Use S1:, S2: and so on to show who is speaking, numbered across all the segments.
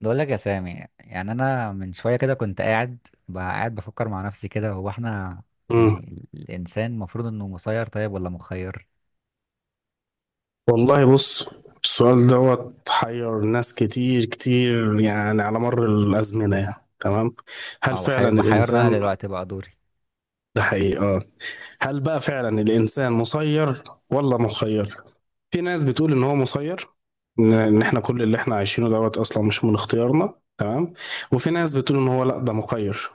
S1: بقول لك يا سامي، يعني انا من شويه كده كنت قاعد بقى قاعد بفكر مع نفسي كده. هو احنا
S2: مم.
S1: يعني الانسان المفروض انه مسير طيب ولا مخير؟
S2: والله بص، السؤال دوت حير ناس كتير كتير، يعني على مر الأزمنة، يعني تمام. هل
S1: اه
S2: فعلا
S1: وحيرنا.
S2: الإنسان
S1: انا دلوقتي بقى دوري.
S2: ده حقيقة، هل بقى فعلا الإنسان مسير ولا مخير؟ في ناس بتقول إن هو مسير، إن إحنا كل اللي إحنا عايشينه دوت أصلا مش من اختيارنا، تمام. وفي ناس بتقول إن هو لأ، ده مخير،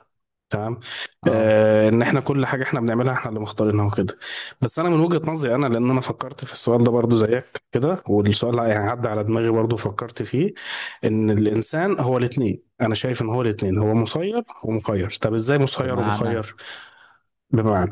S2: تمام.
S1: اه،
S2: إن إحنا كل حاجة إحنا بنعملها إحنا اللي مختارينها وكده. بس أنا من وجهة نظري أنا، لأن أنا فكرت في السؤال ده برضو زيك كده، والسؤال يعني عدى على دماغي برضو فكرت فيه، إن الإنسان هو الاتنين. أنا شايف إن هو الاتنين، هو مسير ومخير. طب إزاي مسير
S1: بمعنى؟
S2: ومخير؟ بمعنى،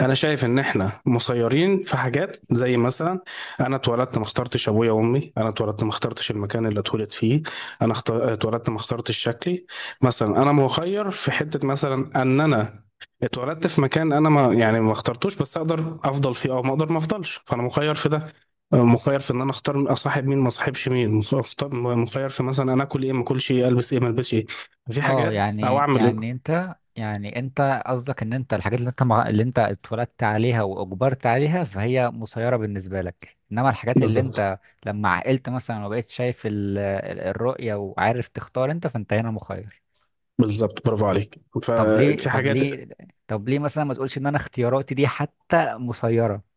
S2: انا شايف ان احنا مسيرين في حاجات، زي مثلا انا اتولدت ما اخترتش ابويا وامي، انا اتولدت ما اخترتش المكان اللي اتولد فيه، اتولدت ما اخترتش شكلي. مثلا انا مخير في حته، مثلا ان انا اتولدت في مكان انا ما يعني ما اخترتوش، بس اقدر افضل فيه او ما اقدر ما افضلش، فانا مخير في ده. مخير في ان انا اختار اصاحب مين ما اصاحبش مين، مخير في مثلا انا اكل ايه ما اكلش ايه، البس ايه ما البسش ايه، في
S1: اه،
S2: حاجات او
S1: يعني
S2: اعمل
S1: يعني
S2: ايه.
S1: انت يعني انت قصدك ان انت الحاجات اللي انت اللي انت اتولدت عليها واجبرت عليها فهي مسيره بالنسبه لك، انما الحاجات اللي
S2: بالظبط.
S1: انت لما عقلت مثلا وبقيت شايف الرؤيه وعارف تختار انت فانت هنا مخير.
S2: بالظبط، برافو عليك.
S1: طب ليه
S2: ففي
S1: طب
S2: حاجات،
S1: ليه طب ليه مثلا ما تقولش ان انا اختياراتي دي حتى مسيرة؟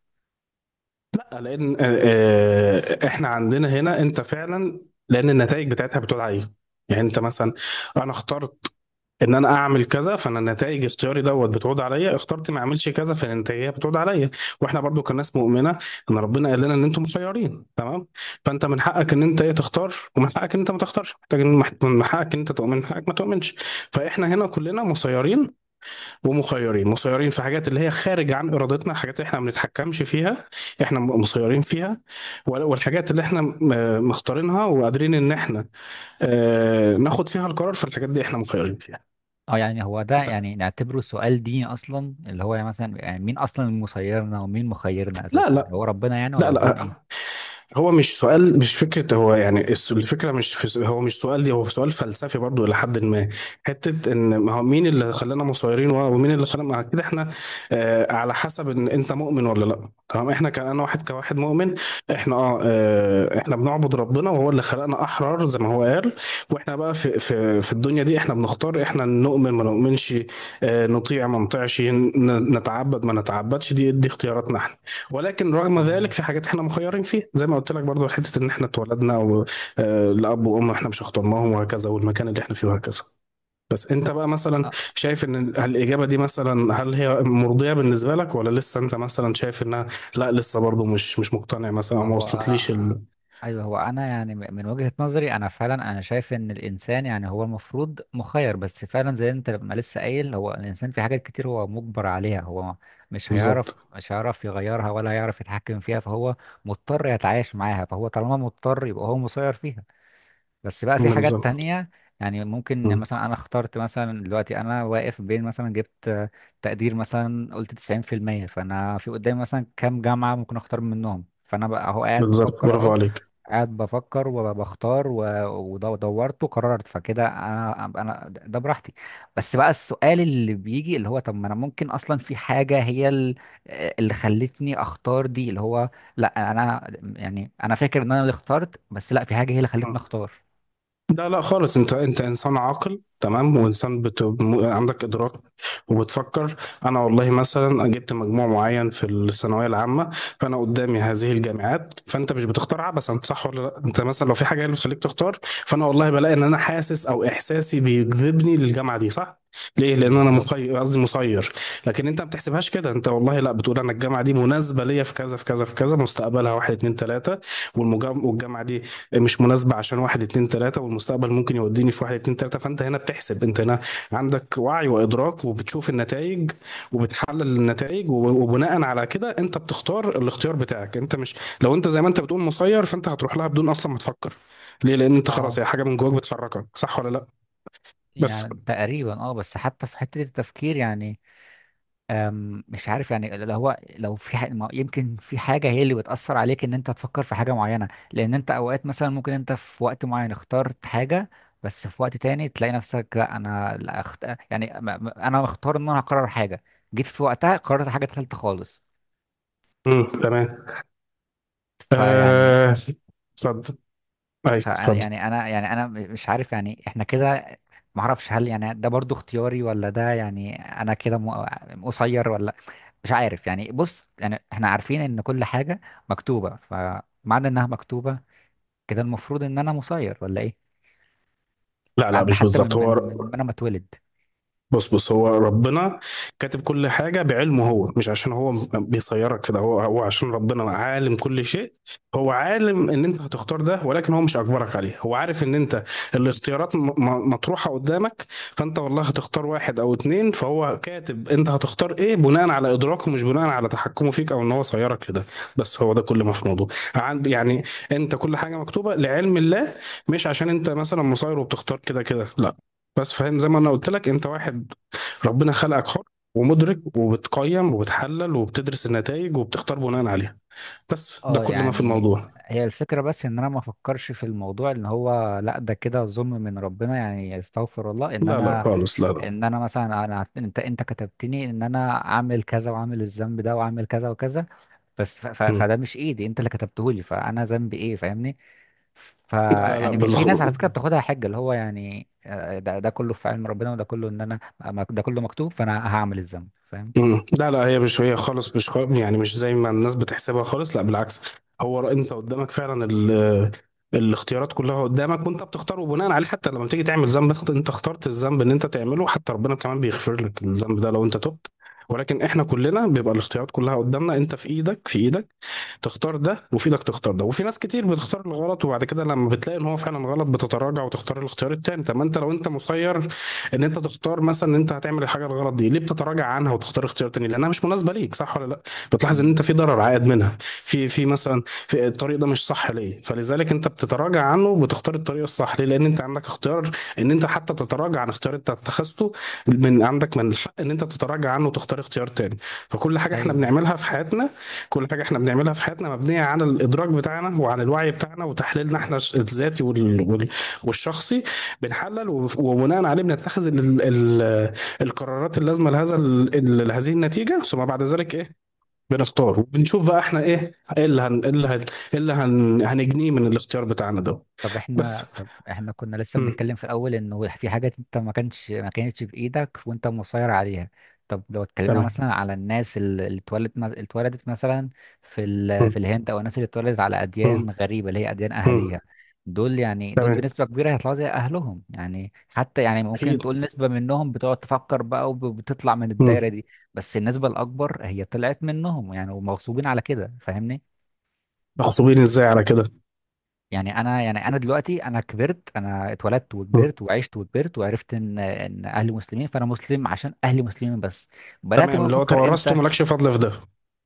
S2: لا لان احنا عندنا هنا انت فعلا، لان النتائج بتاعتها بتقول عليه. يعني انت مثلا، انا اخترت ان انا اعمل كذا، فانا النتائج اختياري دوت بتعود عليا، اخترت ما اعملش كذا فالنتائج بتعود عليا. واحنا برضو كناس مؤمنه، ان ربنا قال لنا ان انتم مخيرين، تمام. فانت من حقك ان انت ايه تختار، ومن حقك ان انت ما تختارش محتاج، من حقك ان انت تؤمن، من حقك ما تؤمنش. فاحنا هنا كلنا مسيرين ومخيرين، مسيرين في حاجات اللي هي خارج عن ارادتنا، الحاجات اللي احنا ما بنتحكمش فيها، مسيرين فيها. والحاجات اللي احنا مختارينها وقادرين ان احنا ناخد فيها القرار، في الحاجات دي احنا مخيرين فيها.
S1: اه، يعني هو ده
S2: انت
S1: يعني نعتبره سؤال ديني اصلا؟ اللي هو يعني مثلا يعني مين اصلا مسيرنا ومين مخيرنا؟
S2: لا،
S1: اساسا
S2: لا،
S1: هو ربنا يعني، ولا
S2: لا،
S1: قصدهم
S2: لا،
S1: ايه؟
S2: هو مش سؤال، مش فكرة. هو يعني الفكرة مش في هو مش سؤال دي، هو سؤال فلسفي برضو إلى حد ما، حتة إن ما هو مين اللي خلانا مصيرين، ومين اللي خلانا مع كده. إحنا آه، على حسب إن أنت مؤمن ولا لأ، تمام. إحنا كأنا واحد كواحد مؤمن، إحنا إحنا بنعبد ربنا، وهو اللي خلقنا أحرار زي ما هو قال. وإحنا بقى في الدنيا دي إحنا بنختار، إحنا نؤمن ما نؤمنش، آه، نطيع ما نطيعش، نتعبد ما نتعبدش، دي اختياراتنا إحنا. ولكن رغم ذلك
S1: اه.
S2: في حاجات احنا مخيرين فيها، زي ما قلت لك برضو، حته ان احنا اتولدنا لاب وام احنا مش اخترناهم، وهكذا، والمكان اللي احنا فيه، وهكذا. بس انت بقى مثلا شايف ان الاجابه دي، مثلا هل هي مرضيه بالنسبه لك، ولا لسه انت مثلا شايف انها لا، لسه برضو مش مقتنع مثلا، او ما
S1: هو
S2: وصلتليش
S1: ايوه، هو انا يعني من وجهة نظري انا فعلا انا شايف ان الانسان يعني هو المفروض مخير، بس فعلا زي انت لما لسه قايل، هو الانسان في حاجات كتير هو مجبر عليها. هو مش
S2: بالظبط.
S1: هيعرف مش هيعرف يغيرها ولا هيعرف يتحكم فيها، فهو مضطر يتعايش معاها. فهو طالما مضطر يبقى هو مسير فيها. بس بقى في حاجات
S2: بالظبط.
S1: تانية، يعني ممكن
S2: مم.
S1: مثلا انا اخترت مثلا دلوقتي، انا واقف بين مثلا جبت تقدير مثلا، قلت 90%، فانا في قدامي مثلا كام جامعة ممكن اختار منهم، فانا بقى اهو قاعد
S2: بالظبط،
S1: بفكر،
S2: برافو
S1: اهو
S2: عليك.
S1: قاعد بفكر وبختار ودورت وقررت. فكده انا ده براحتي. بس بقى السؤال اللي بيجي اللي هو، طب ما انا ممكن اصلا في حاجة هي اللي خلتني اختار دي. اللي هو لا، انا يعني انا فاكر ان انا اللي اخترت، بس لا، في حاجة هي اللي خلتني اختار.
S2: لا لا خالص، انت انسان عاقل، تمام، وانسان عندك ادراك وبتفكر. انا والله مثلا جبت مجموع معين في الثانويه العامه، فانا قدامي هذه الجامعات، فانت مش بتختار عبثا، صح ولا لا؟ انت مثلا لو في حاجه هي اللي بتخليك تختار، فانا والله بلاقي ان انا حاسس، او احساسي بيجذبني للجامعه دي، صح؟ ليه؟ لان انا
S1: بالظبط.
S2: مخير، قصدي مسير. لكن انت ما بتحسبهاش كده، انت والله لا، بتقول انا الجامعه دي مناسبه ليا في كذا في كذا في كذا، مستقبلها واحد اتنين تلاته، والجامعه دي مش مناسبه عشان واحد اتنين تلاته، والمستقبل ممكن يوديني في واحد اتنين تلاته. فانت هنا بتحسب، انت هنا عندك وعي وادراك، وبتشوف النتائج، وبتحلل النتائج، وبناء على كده انت بتختار الاختيار بتاعك. انت مش، لو انت زي ما انت بتقول مسير، فانت هتروح لها بدون اصلا ما تفكر. ليه؟ لان انت
S1: اه،
S2: خلاص هي حاجه من جواك بتحركك، صح ولا لا؟ بس،
S1: يعني تقريبا، اه، بس حتى في حتة التفكير يعني، مش عارف، يعني اللي هو لو في ح... ما- يمكن في حاجة هي اللي بتأثر عليك ان انت تفكر في حاجة معينة، لان انت اوقات مثلا ممكن انت في وقت معين اخترت حاجة، بس في وقت تاني تلاقي نفسك لا، انا لا يعني انا مختار ان انا هقرر حاجة، جيت في وقتها قررت حاجة تالتة خالص.
S2: تمام.
S1: فيعني
S2: آه، اتفضل، اي
S1: فانا
S2: اتفضل.
S1: يعني، انا يعني انا مش عارف يعني. احنا كده ما اعرفش، هل يعني ده برضو اختياري، ولا ده يعني انا كده قصير؟ ولا مش عارف يعني. بص، يعني احنا عارفين ان كل حاجة مكتوبة، فمعنى انها مكتوبة كده المفروض ان انا مسير، ولا ايه؟
S2: لا، لا،
S1: قبل
S2: مش
S1: حتى من
S2: بالظبط.
S1: من
S2: هو
S1: من ما انا ما اتولد.
S2: بص بص هو ربنا كاتب كل حاجة بعلمه، هو مش عشان هو بيصيرك في ده، هو عشان ربنا عالم كل شيء. هو عالم ان انت هتختار ده، ولكن هو مش اجبرك عليه، هو عارف ان انت الاختيارات مطروحة قدامك، فانت والله هتختار واحد او اتنين، فهو كاتب انت هتختار ايه بناء على ادراكه، مش بناء على تحكمه فيك، او ان هو صيرك لده. بس هو ده كل ما في الموضوع. يعني انت كل حاجة مكتوبة لعلم الله، مش عشان انت مثلا مصير وبتختار كده كده، لا. بس فاهم، زي ما انا قلت لك، انت واحد ربنا خلقك حر ومدرك، وبتقيم وبتحلل وبتدرس النتائج، وبتختار بناء عليها. بس ده
S1: اه،
S2: كل ما في
S1: يعني
S2: الموضوع.
S1: هي الفكرة بس، ان انا ما افكرش في الموضوع ان هو لا ده كده ظلم من ربنا يعني، استغفر الله. ان
S2: لا لا
S1: انا،
S2: خالص، لا لا،
S1: ان انا مثلا، انا انت كتبتني ان انا اعمل كذا، واعمل الذنب ده، واعمل كذا وكذا، بس
S2: مم.
S1: فده مش ايدي، انت اللي كتبته لي، فانا ذنبي ايه؟ فاهمني. ف
S2: لا لا لا
S1: يعني في ناس على فكره بتاخدها حجه، اللي هو يعني ده كله في علم ربنا، وده كله ان انا ده كله مكتوب، فانا هعمل الذنب. فاهم؟
S2: مم. لا لا، هي مش هي خالص، مش خ... يعني مش زي ما الناس بتحسبها خالص، لا بالعكس. انت قدامك فعلا الاختيارات كلها قدامك، وانت بتختار، وبناء عليه حتى لما بتيجي تعمل ذنب، انت اخترت الذنب ان انت تعمله، حتى ربنا كمان بيغفر لك الذنب ده لو انت تبت. ولكن احنا كلنا بيبقى الاختيارات كلها قدامنا، انت في ايدك، في ايدك تختار ده، وفي ايدك تختار ده. وفي ناس كتير بتختار الغلط، وبعد كده لما بتلاقي ان هو فعلا غلط، بتتراجع وتختار الاختيار التاني. طب ما انت لو انت مسير ان انت تختار مثلا ان انت هتعمل الحاجه الغلط دي، ليه بتتراجع عنها وتختار اختيار تاني؟ لانها مش مناسبه ليك، صح ولا لا؟ بتلاحظ ان
S1: مم.
S2: انت في ضرر عائد منها، في في مثلا في الطريق ده مش صح ليه، فلذلك انت بتتراجع عنه، وبتختار الطريق الصح ليه. لان انت عندك اختيار ان انت حتى تتراجع عن اختيار انت اتخذته، من عندك من الحق ان انت تتراجع عنه وتختار اختيار تاني. فكل حاجه احنا
S1: ايوه.
S2: بنعملها في حياتنا، كل حاجة احنا بنعملها في حياتنا مبنية على الإدراك بتاعنا، وعلى الوعي بتاعنا، وتحليلنا احنا الذاتي والشخصي. بنحلل وبناء عليه بنتخذ ال ال القرارات اللازمة لهذا لهذه النتيجة، ثم بعد ذلك ايه؟ بنختار، وبنشوف بقى احنا ايه، ايه اللي هن ايه اللي هن ايه اللي هن هنجنيه من الاختيار بتاعنا ده.
S1: طب
S2: بس.
S1: احنا طب احنا كنا لسه
S2: مم.
S1: بنتكلم في الاول انه في حاجات انت ما كانش ما كانتش بايدك وانت مسيطر عليها. طب لو اتكلمنا
S2: تمام.
S1: مثلا على الناس اللي اتولدت مثلا في
S2: مم.
S1: في الهند، او الناس اللي اتولدت على اديان
S2: مم.
S1: غريبه اللي هي اديان
S2: مم.
S1: اهاليها. دول يعني دول
S2: تمام،
S1: بنسبه كبيره هيطلعوا زي اهلهم يعني، حتى يعني ممكن
S2: أكيد.
S1: تقول نسبه منهم بتقعد تفكر بقى وبتطلع من الدايره
S2: مم.
S1: دي، بس النسبه الاكبر هي طلعت منهم يعني، ومغصوبين على كده. فاهمني؟
S2: مغصوبين ازاي على كده؟
S1: يعني انا، يعني انا دلوقتي، انا كبرت، انا اتولدت
S2: مم.
S1: وكبرت وعشت وكبرت، وعرفت ان اهلي مسلمين، فانا مسلم عشان اهلي مسلمين بس. بدات بقى
S2: تمام، اللي هو
S1: افكر
S2: تورثته،
S1: امتى؟
S2: مالكش فضل في ده.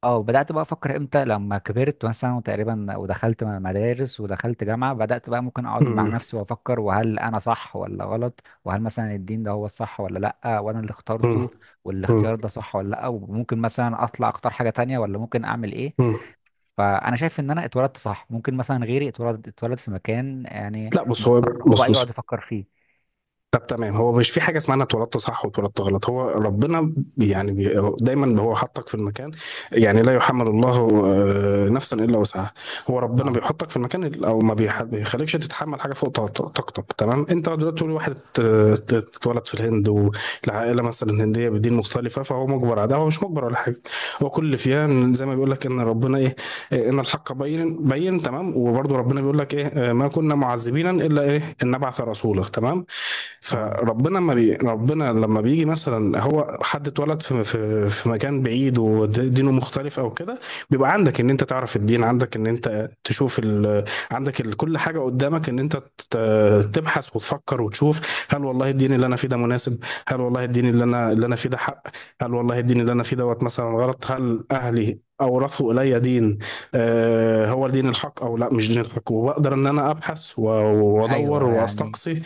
S1: اه، بدات بقى افكر امتى لما كبرت مثلا، وتقريبا ودخلت مدارس ودخلت جامعه، بدات بقى ممكن اقعد مع
S2: مم.
S1: نفسي وافكر، وهل انا صح ولا غلط، وهل مثلا الدين ده هو الصح ولا لا، وانا اللي
S2: مم.
S1: اخترته
S2: مم.
S1: والاختيار ده صح ولا لا، وممكن مثلا اطلع اختار حاجه تانية، ولا ممكن اعمل ايه.
S2: مم.
S1: فانا شايف ان انا اتولدت صح، ممكن مثلا غيري اتولد في مكان يعني
S2: لا بص، هو
S1: مضطر هو
S2: بص
S1: بقى
S2: بص
S1: يقعد يفكر فيه.
S2: طب تمام، هو مش في حاجه اسمها انا اتولدت صح واتولدت غلط، هو ربنا يعني بي، هو دايما هو حطك في المكان، يعني لا يحمل الله نفسا الا وسعها. هو ربنا
S1: اه.
S2: بيحطك في المكان او ما بيخليكش تتحمل حاجه فوق طاقتك، تمام. انت دلوقتي تقول واحد اتولد في الهند، والعائله مثلا هنديه بدين مختلفه، فهو مجبر على ده، هو مش مجبر ولا حاجه. هو كل فيها إن زي ما بيقول لك ان ربنا ايه، ان الحق بين بين، تمام. وبرضه ربنا بيقول لك ايه، ما كنا معذبين الا ايه ان نبعث رسولا، تمام.
S1: اه،
S2: فربنا ما بي... ربنا لما بيجي مثلا هو حد اتولد في مكان بعيد ودينه مختلف او كده، بيبقى عندك ان انت تعرف الدين، عندك ان انت تشوف عندك كل حاجه قدامك ان انت ت... تبحث وتفكر وتشوف، هل والله الدين اللي انا فيه ده مناسب؟ هل والله الدين اللي انا فيه ده حق؟ هل والله الدين اللي انا فيه دوت مثلا غلط؟ هل اهلي اورثوا الي دين آه هو الدين الحق، او لا مش دين الحق؟ وبقدر ان انا ابحث وادور
S1: ايوه يعني.
S2: واستقصي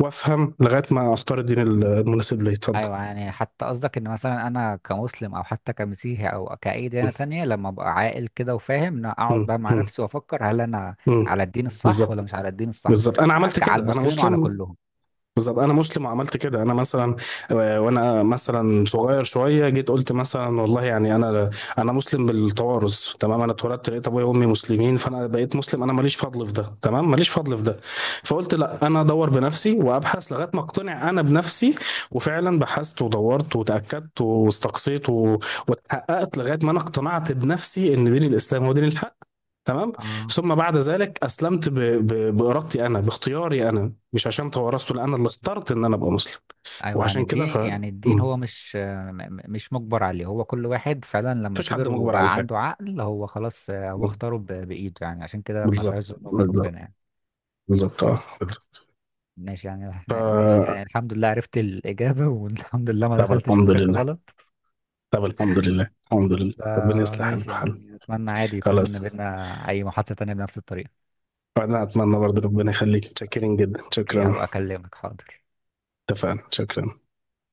S2: وافهم لغايه ما اختار الدين المناسب لي. اتفضل.
S1: ايوه يعني، حتى قصدك ان مثلا انا كمسلم، او حتى كمسيحي، او كاي ديانه تانية، لما ابقى عاقل كده وفاهم، ان أنا اقعد
S2: مم.
S1: بقى مع
S2: مم.
S1: نفسي وافكر، هل انا
S2: مم.
S1: على الدين الصح
S2: بالظبط.
S1: ولا مش على الدين الصح؟
S2: بالظبط، انا عملت
S1: على
S2: كده، انا
S1: المسلمين وعلى
S2: مسلم.
S1: كلهم.
S2: بالظبط، انا مسلم وعملت كده، انا مثلا وانا مثلا صغير شويه، جيت قلت مثلا والله يعني انا مسلم بالتوارث، تمام. انا اتولدت لقيت ابويا وامي مسلمين، فانا بقيت مسلم، انا ماليش فضل في ده، تمام، ماليش فضل في ده. فقلت لا، انا ادور بنفسي وابحث لغايه ما اقتنع انا بنفسي. وفعلا بحثت ودورت وتاكدت واستقصيت واتحققت لغايه ما انا اقتنعت بنفسي ان دين الاسلام هو دين الحق، تمام.
S1: اه،
S2: ثم بعد ذلك اسلمت بارادتي انا، باختياري انا، مش عشان توارثت، لا، انا اللي اخترت ان انا ابقى مسلم.
S1: ايوه يعني
S2: وعشان كده
S1: الدين، يعني الدين هو
S2: مم.
S1: مش مش مجبر عليه، هو كل واحد فعلا لما
S2: مفيش
S1: كبر
S2: حد مجبر على
S1: وبقى
S2: حاجه.
S1: عنده عقل هو خلاص هو
S2: مم.
S1: اختاره بايده يعني. عشان كده ما
S2: بالظبط.
S1: فيهاش ظلم من
S2: بالظبط.
S1: ربنا يعني.
S2: بالظبط، اه، بالظبط.
S1: ماشي، يعني ماشي يعني،
S2: ف
S1: الحمد لله عرفت الاجابه والحمد لله ما
S2: طب
S1: دخلتش في
S2: الحمد
S1: سكه
S2: لله.
S1: غلط.
S2: طب الحمد لله، الحمد لله، ربنا يصلح
S1: فماشي
S2: حالك وحالك.
S1: يعني، اتمنى عادي يكون
S2: خلاص،
S1: بينا اي محادثه تانية بنفس الطريقه.
S2: وانا اتمنى برضه ربنا يخليك، شاكرين جدا،
S1: اوكي،
S2: شكرا.
S1: هبقى اكلمك. حاضر.
S2: اتفقنا، شكرا.